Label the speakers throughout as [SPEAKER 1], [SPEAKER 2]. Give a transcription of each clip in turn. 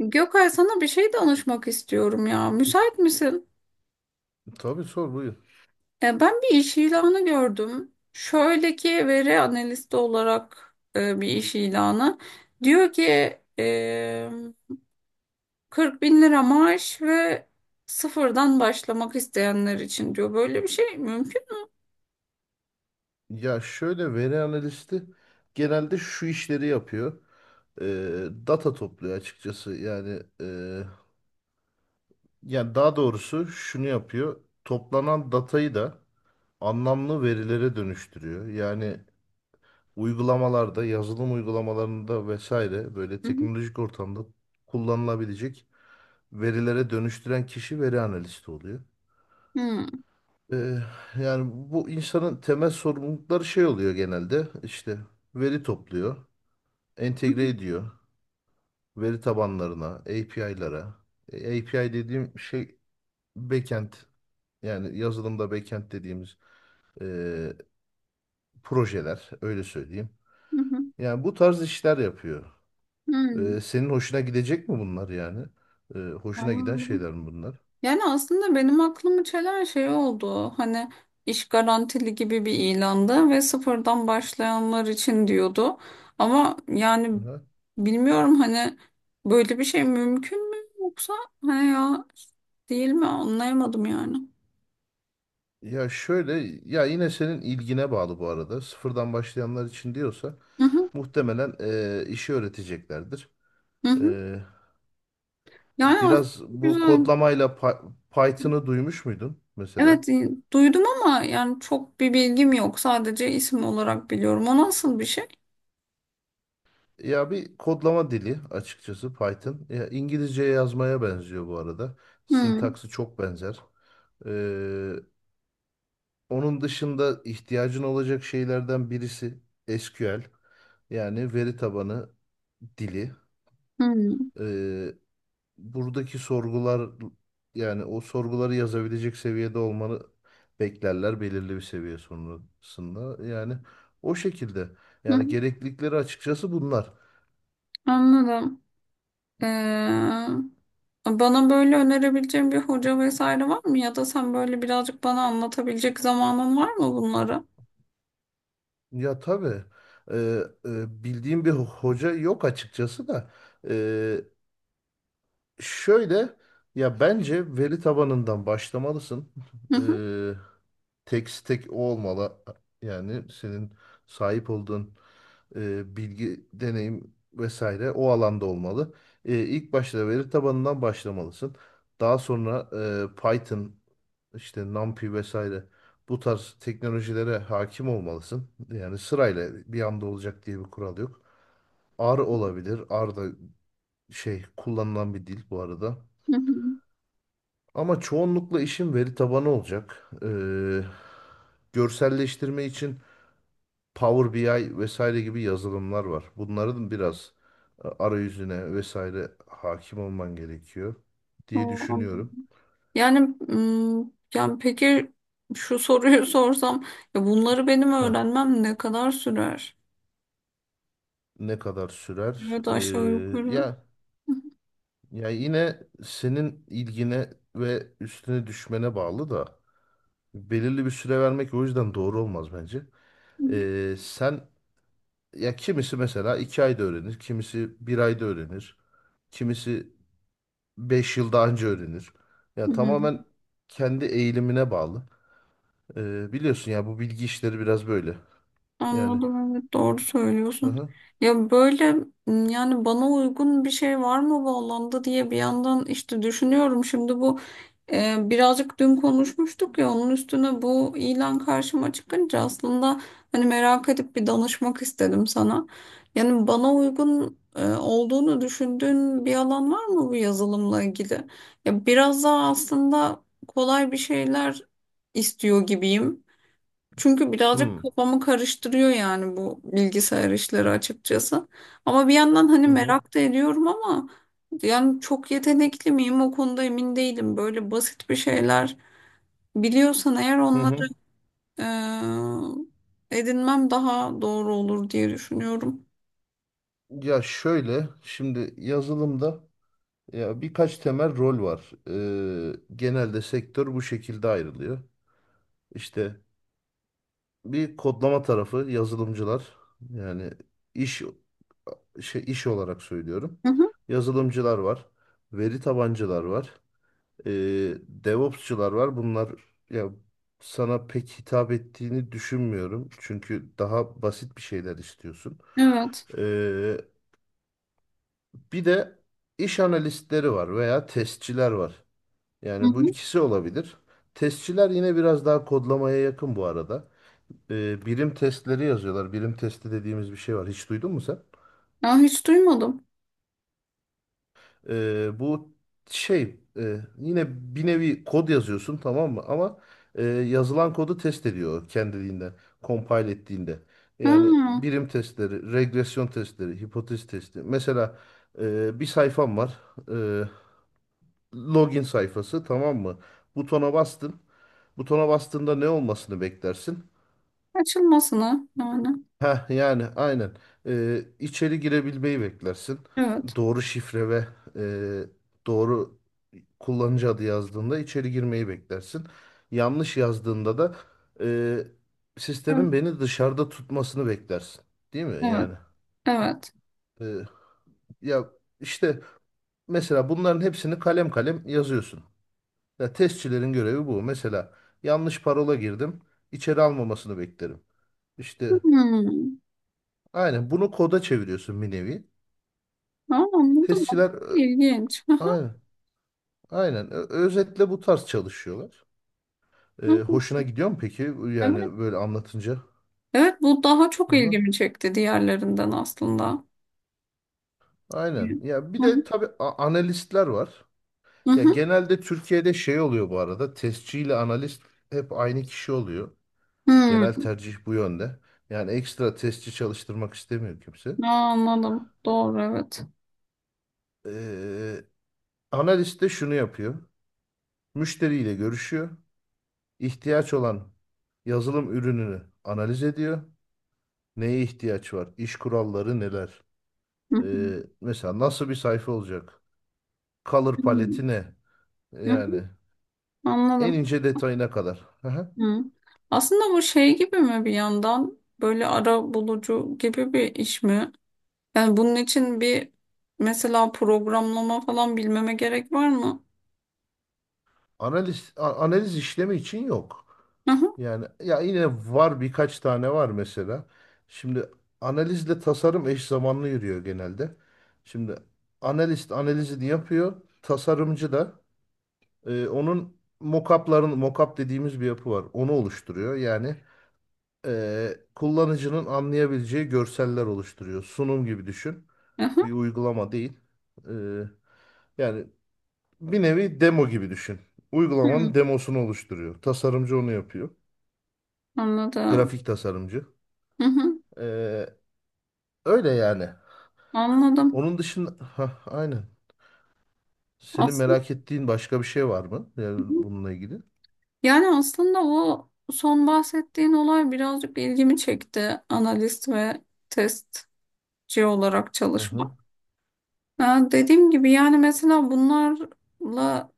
[SPEAKER 1] Gökay sana bir şey danışmak istiyorum ya. Müsait misin?
[SPEAKER 2] Tabii sor buyur.
[SPEAKER 1] Ben bir iş ilanı gördüm. Şöyle ki veri analisti olarak bir iş ilanı. Diyor ki e, 40 bin lira maaş ve sıfırdan başlamak isteyenler için diyor. Böyle bir şey mümkün
[SPEAKER 2] Ya şöyle, veri analisti genelde şu işleri yapıyor. Data topluyor açıkçası. Yani daha doğrusu şunu yapıyor. Toplanan datayı da anlamlı verilere dönüştürüyor. Yani uygulamalarda, yazılım uygulamalarında vesaire, böyle
[SPEAKER 1] mü?
[SPEAKER 2] teknolojik ortamda kullanılabilecek verilere dönüştüren kişi veri analisti oluyor.
[SPEAKER 1] Hı hı.
[SPEAKER 2] Ee, Yani bu insanın temel sorumlulukları şey oluyor genelde. İşte veri topluyor,
[SPEAKER 1] Hı
[SPEAKER 2] entegre ediyor veri tabanlarına, API'lara. API dediğim şey backend, yani yazılımda backend dediğimiz e, projeler, öyle söyleyeyim.
[SPEAKER 1] hı.
[SPEAKER 2] Yani bu tarz işler yapıyor.
[SPEAKER 1] Hı hı. Hı.
[SPEAKER 2] Senin hoşuna gidecek mi bunlar yani? Hoşuna giden
[SPEAKER 1] Anladım.
[SPEAKER 2] şeyler mi bunlar?
[SPEAKER 1] Yani aslında benim aklımı çelen şey oldu. Hani iş garantili gibi bir ilandı ve sıfırdan başlayanlar için diyordu. Ama yani
[SPEAKER 2] Aha.
[SPEAKER 1] bilmiyorum hani böyle bir şey mümkün mü yoksa hani ya değil mi anlayamadım yani.
[SPEAKER 2] Ya şöyle, ya yine senin ilgine bağlı bu arada. Sıfırdan başlayanlar için diyorsa
[SPEAKER 1] Hı hı,
[SPEAKER 2] muhtemelen işi öğreteceklerdir.
[SPEAKER 1] hı hı.
[SPEAKER 2] E,
[SPEAKER 1] Yani aslında
[SPEAKER 2] Biraz bu
[SPEAKER 1] güzel.
[SPEAKER 2] kodlamayla Python'ı duymuş muydun mesela?
[SPEAKER 1] Evet, duydum ama yani çok bir bilgim yok. Sadece isim olarak biliyorum. O nasıl bir şey?
[SPEAKER 2] Ya bir kodlama dili açıkçası Python. Ya İngilizce yazmaya benziyor bu arada.
[SPEAKER 1] Hı,
[SPEAKER 2] Sintaksı çok benzer. Ee, Onun dışında ihtiyacın olacak şeylerden birisi SQL. Yani veri tabanı dili.
[SPEAKER 1] hı,
[SPEAKER 2] Ee, Buradaki sorgular, yani o sorguları yazabilecek seviyede olmanı beklerler belirli bir seviye sonrasında. Yani o şekilde. Yani
[SPEAKER 1] hı.
[SPEAKER 2] gereklilikleri açıkçası bunlar.
[SPEAKER 1] Anladım. Ee, Bana böyle önerebileceğin bir hoca vesaire var mı? Ya da sen böyle birazcık bana anlatabilecek zamanın var mı bunları?
[SPEAKER 2] Ya tabii, e, bildiğim bir hoca yok açıkçası da. Şöyle, ya bence veri tabanından başlamalısın.
[SPEAKER 1] Hı hı,
[SPEAKER 2] Ee, Tek tek o olmalı. Yani senin sahip olduğun bilgi, deneyim vesaire o alanda olmalı. İlk başta veri tabanından başlamalısın. Daha sonra Python, işte NumPy vesaire, bu tarz teknolojilere hakim olmalısın. Yani sırayla, bir anda olacak diye bir kural yok. R olabilir. R da şey, kullanılan bir dil bu arada.
[SPEAKER 1] hı hı.
[SPEAKER 2] Ama çoğunlukla işin veri tabanı olacak. Görselleştirme için Power BI vesaire gibi yazılımlar var. Bunların biraz arayüzüne vesaire hakim olman gerekiyor diye
[SPEAKER 1] Oo, anladım.
[SPEAKER 2] düşünüyorum.
[SPEAKER 1] Yani, yani peki şu soruyu sorsam ya bunları benim
[SPEAKER 2] Heh,
[SPEAKER 1] öğrenmem ne kadar sürer?
[SPEAKER 2] ne kadar sürer?
[SPEAKER 1] Ya da aşağı
[SPEAKER 2] Ee,
[SPEAKER 1] yukarı.
[SPEAKER 2] ya
[SPEAKER 1] Hı
[SPEAKER 2] ya yine senin ilgine ve üstüne düşmene bağlı da, belirli bir süre vermek o yüzden doğru olmaz bence.
[SPEAKER 1] hı,
[SPEAKER 2] Sen ya kimisi mesela iki ayda öğrenir, kimisi bir ayda öğrenir. Kimisi 5 yıl daha önce öğrenir.
[SPEAKER 1] hı
[SPEAKER 2] Ya
[SPEAKER 1] hı.
[SPEAKER 2] tamamen kendi eğilimine bağlı. Biliyorsun ya, bu bilgi işleri biraz böyle. Yani,
[SPEAKER 1] Anladım, evet, doğru
[SPEAKER 2] hı
[SPEAKER 1] söylüyorsun.
[SPEAKER 2] hı.
[SPEAKER 1] Ya böyle yani bana uygun bir şey var mı bu alanda diye bir yandan işte düşünüyorum. Şimdi bu birazcık dün konuşmuştuk ya onun üstüne bu ilan karşıma çıkınca aslında hani merak edip bir danışmak istedim sana. Yani bana uygun olduğunu düşündüğün bir alan var mı bu yazılımla ilgili? Ya biraz daha aslında kolay bir şeyler istiyor gibiyim. Çünkü birazcık
[SPEAKER 2] Hmm.
[SPEAKER 1] kafamı karıştırıyor yani bu bilgisayar işleri açıkçası. Ama bir yandan hani
[SPEAKER 2] Hı hı.
[SPEAKER 1] merak da ediyorum ama yani çok yetenekli miyim o konuda emin değilim. Böyle basit bir şeyler biliyorsan eğer
[SPEAKER 2] Hı
[SPEAKER 1] onları
[SPEAKER 2] hı.
[SPEAKER 1] edinmem daha doğru olur diye düşünüyorum.
[SPEAKER 2] Ya şöyle, şimdi yazılımda ya birkaç temel rol var. Genelde sektör bu şekilde ayrılıyor. İşte bir kodlama tarafı, yazılımcılar, yani iş, iş olarak söylüyorum.
[SPEAKER 1] Hı hı,
[SPEAKER 2] Yazılımcılar var. Veri tabancılar var. e, DevOps'çılar var. Bunlar, ya sana pek hitap ettiğini düşünmüyorum. Çünkü daha basit bir şeyler istiyorsun.
[SPEAKER 1] evet.
[SPEAKER 2] E, Bir de iş analistleri var veya testçiler var.
[SPEAKER 1] Hı
[SPEAKER 2] Yani bu
[SPEAKER 1] hı.
[SPEAKER 2] ikisi olabilir. Testçiler yine biraz daha kodlamaya yakın bu arada. Birim testleri yazıyorlar. Birim testi dediğimiz bir şey var. Hiç duydun mu sen?
[SPEAKER 1] Ya hiç duymadım.
[SPEAKER 2] Ee, bu Yine bir nevi kod yazıyorsun, tamam mı? Ama yazılan kodu test ediyor kendiliğinden, compile ettiğinde. Yani
[SPEAKER 1] Ha,
[SPEAKER 2] birim testleri, regresyon testleri, hipotez testi. Mesela bir sayfam var. e, Login sayfası, tamam mı? Butona bastın. Butona bastığında ne olmasını beklersin?
[SPEAKER 1] açılmasın ha yani.
[SPEAKER 2] Heh, yani aynen. İçeri girebilmeyi beklersin.
[SPEAKER 1] Evet.
[SPEAKER 2] Doğru şifre ve doğru kullanıcı adı yazdığında içeri girmeyi beklersin. Yanlış yazdığında da
[SPEAKER 1] Evet.
[SPEAKER 2] sistemin beni dışarıda tutmasını beklersin. Değil mi?
[SPEAKER 1] Evet.
[SPEAKER 2] Yani
[SPEAKER 1] Evet.
[SPEAKER 2] e, ya işte mesela bunların hepsini kalem kalem yazıyorsun. Ya testçilerin görevi bu. Mesela yanlış parola girdim. İçeri almamasını beklerim. İşte
[SPEAKER 1] Hmm.
[SPEAKER 2] aynen bunu koda çeviriyorsun bir nevi.
[SPEAKER 1] Ha, anladım.
[SPEAKER 2] Testçiler,
[SPEAKER 1] Aslında İlginç.
[SPEAKER 2] aynen. Aynen. Özetle bu tarz çalışıyorlar.
[SPEAKER 1] Aha.
[SPEAKER 2] Hoşuna gidiyor mu peki?
[SPEAKER 1] Evet,
[SPEAKER 2] Yani böyle anlatınca.
[SPEAKER 1] evet bu daha çok
[SPEAKER 2] Hı-hı.
[SPEAKER 1] ilgimi çekti diğerlerinden aslında. Hı
[SPEAKER 2] Aynen. Ya bir
[SPEAKER 1] hı.
[SPEAKER 2] de tabii analistler var.
[SPEAKER 1] Hı
[SPEAKER 2] Ya
[SPEAKER 1] hı.
[SPEAKER 2] genelde Türkiye'de şey oluyor bu arada. Testçi ile analist hep aynı kişi oluyor.
[SPEAKER 1] Hı.
[SPEAKER 2] Genel tercih bu yönde. Yani ekstra testçi çalıştırmak istemiyor kimse.
[SPEAKER 1] Aa, anladım. Doğru, evet.
[SPEAKER 2] E, Analist de şunu yapıyor. Müşteriyle görüşüyor. İhtiyaç olan yazılım ürününü analiz ediyor. Neye ihtiyaç var? İş kuralları neler?
[SPEAKER 1] Hı
[SPEAKER 2] Mesela nasıl bir sayfa olacak? Color
[SPEAKER 1] hı.
[SPEAKER 2] paleti ne?
[SPEAKER 1] Hı
[SPEAKER 2] Yani
[SPEAKER 1] hı.
[SPEAKER 2] en
[SPEAKER 1] Anladım.
[SPEAKER 2] ince detayına kadar. Aha.
[SPEAKER 1] Hı. Aslında bu şey gibi mi, bir yandan böyle ara bulucu gibi bir iş mi? Yani bunun için bir mesela programlama falan bilmeme gerek var mı?
[SPEAKER 2] Analiz, analiz işlemi için yok.
[SPEAKER 1] Hı hı.
[SPEAKER 2] Yani ya yine var, birkaç tane var mesela. Şimdi analizle tasarım eş zamanlı yürüyor genelde. Şimdi analist analizini yapıyor. Tasarımcı da onun mockupların, mockup dediğimiz bir yapı var. Onu oluşturuyor. Yani kullanıcının anlayabileceği görseller oluşturuyor. Sunum gibi düşün.
[SPEAKER 1] Hı hı.
[SPEAKER 2] Bir uygulama değil. E, yani bir nevi demo gibi düşün.
[SPEAKER 1] Hı.
[SPEAKER 2] Uygulamanın demosunu oluşturuyor. Tasarımcı onu yapıyor.
[SPEAKER 1] Anladım.
[SPEAKER 2] Grafik tasarımcı.
[SPEAKER 1] Hı hı.
[SPEAKER 2] E, Öyle yani.
[SPEAKER 1] Anladım.
[SPEAKER 2] Onun dışında, hah, aynen. Senin
[SPEAKER 1] Aslında.
[SPEAKER 2] merak ettiğin başka bir şey var mı? Yani bununla ilgili.
[SPEAKER 1] Yani aslında o son bahsettiğin olay birazcık ilgimi çekti. Analist ve testçi olarak
[SPEAKER 2] Hı hı.
[SPEAKER 1] çalışmak. Ha, dediğim gibi yani mesela bunlarla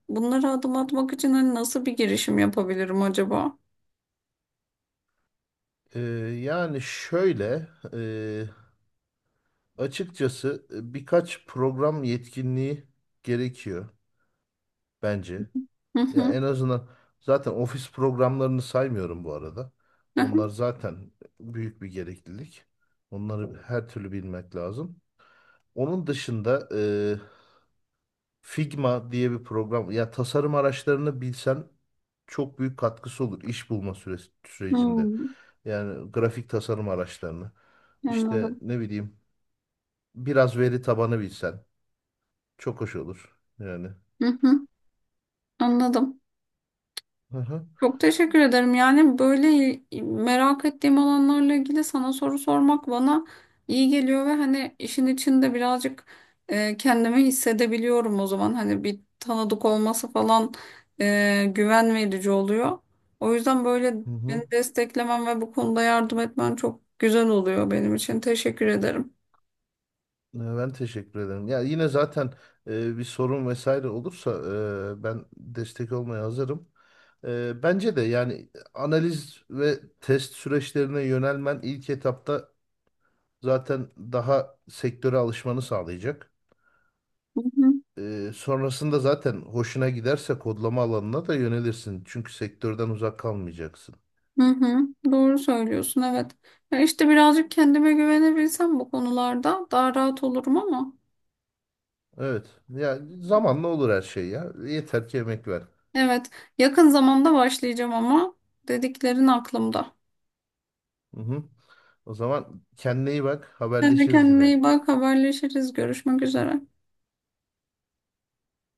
[SPEAKER 1] bunlara adım atmak için hani nasıl bir girişim yapabilirim acaba?
[SPEAKER 2] E, yani şöyle e, Açıkçası birkaç program yetkinliği gerekiyor bence.
[SPEAKER 1] Hı
[SPEAKER 2] Ya
[SPEAKER 1] hı.
[SPEAKER 2] en azından, zaten ofis programlarını saymıyorum bu arada.
[SPEAKER 1] Hı
[SPEAKER 2] Onlar
[SPEAKER 1] hı.
[SPEAKER 2] zaten büyük bir gereklilik. Onları her türlü bilmek lazım. Onun dışında Figma diye bir program, ya tasarım araçlarını bilsen çok büyük katkısı olur iş bulma süresi, sürecinde.
[SPEAKER 1] Hmm,
[SPEAKER 2] Yani grafik tasarım araçlarını, işte
[SPEAKER 1] anladım.
[SPEAKER 2] ne bileyim, biraz veri tabanı bilsen çok hoş olur yani.
[SPEAKER 1] Hı hı, anladım.
[SPEAKER 2] Hı hı.
[SPEAKER 1] Çok teşekkür ederim. Yani böyle merak ettiğim alanlarla ilgili sana soru sormak bana iyi geliyor ve hani işin içinde birazcık kendimi hissedebiliyorum o zaman. Hani bir tanıdık olması falan güven verici oluyor. O yüzden böyle
[SPEAKER 2] Hı hı.
[SPEAKER 1] beni desteklemen ve bu konuda yardım etmen çok güzel oluyor benim için. Teşekkür ederim.
[SPEAKER 2] Ben teşekkür ederim. Ya yine zaten bir sorun vesaire olursa ben destek olmaya hazırım. Bence de yani analiz ve test süreçlerine yönelmen ilk etapta zaten daha sektöre alışmanı sağlayacak.
[SPEAKER 1] Hı hı,
[SPEAKER 2] Sonrasında zaten hoşuna giderse kodlama alanına da yönelirsin. Çünkü sektörden uzak kalmayacaksın.
[SPEAKER 1] hı hı. Doğru söylüyorsun, evet. Ya işte birazcık kendime güvenebilsem bu konularda daha rahat olurum ama.
[SPEAKER 2] Evet. Ya zamanla olur her şey ya. Yeter ki emek ver.
[SPEAKER 1] Evet, yakın zamanda başlayacağım ama dediklerin aklımda.
[SPEAKER 2] Hı hı. O zaman kendine iyi bak.
[SPEAKER 1] Sen de
[SPEAKER 2] Haberleşiriz
[SPEAKER 1] kendine
[SPEAKER 2] yine.
[SPEAKER 1] iyi bak, haberleşiriz, görüşmek üzere.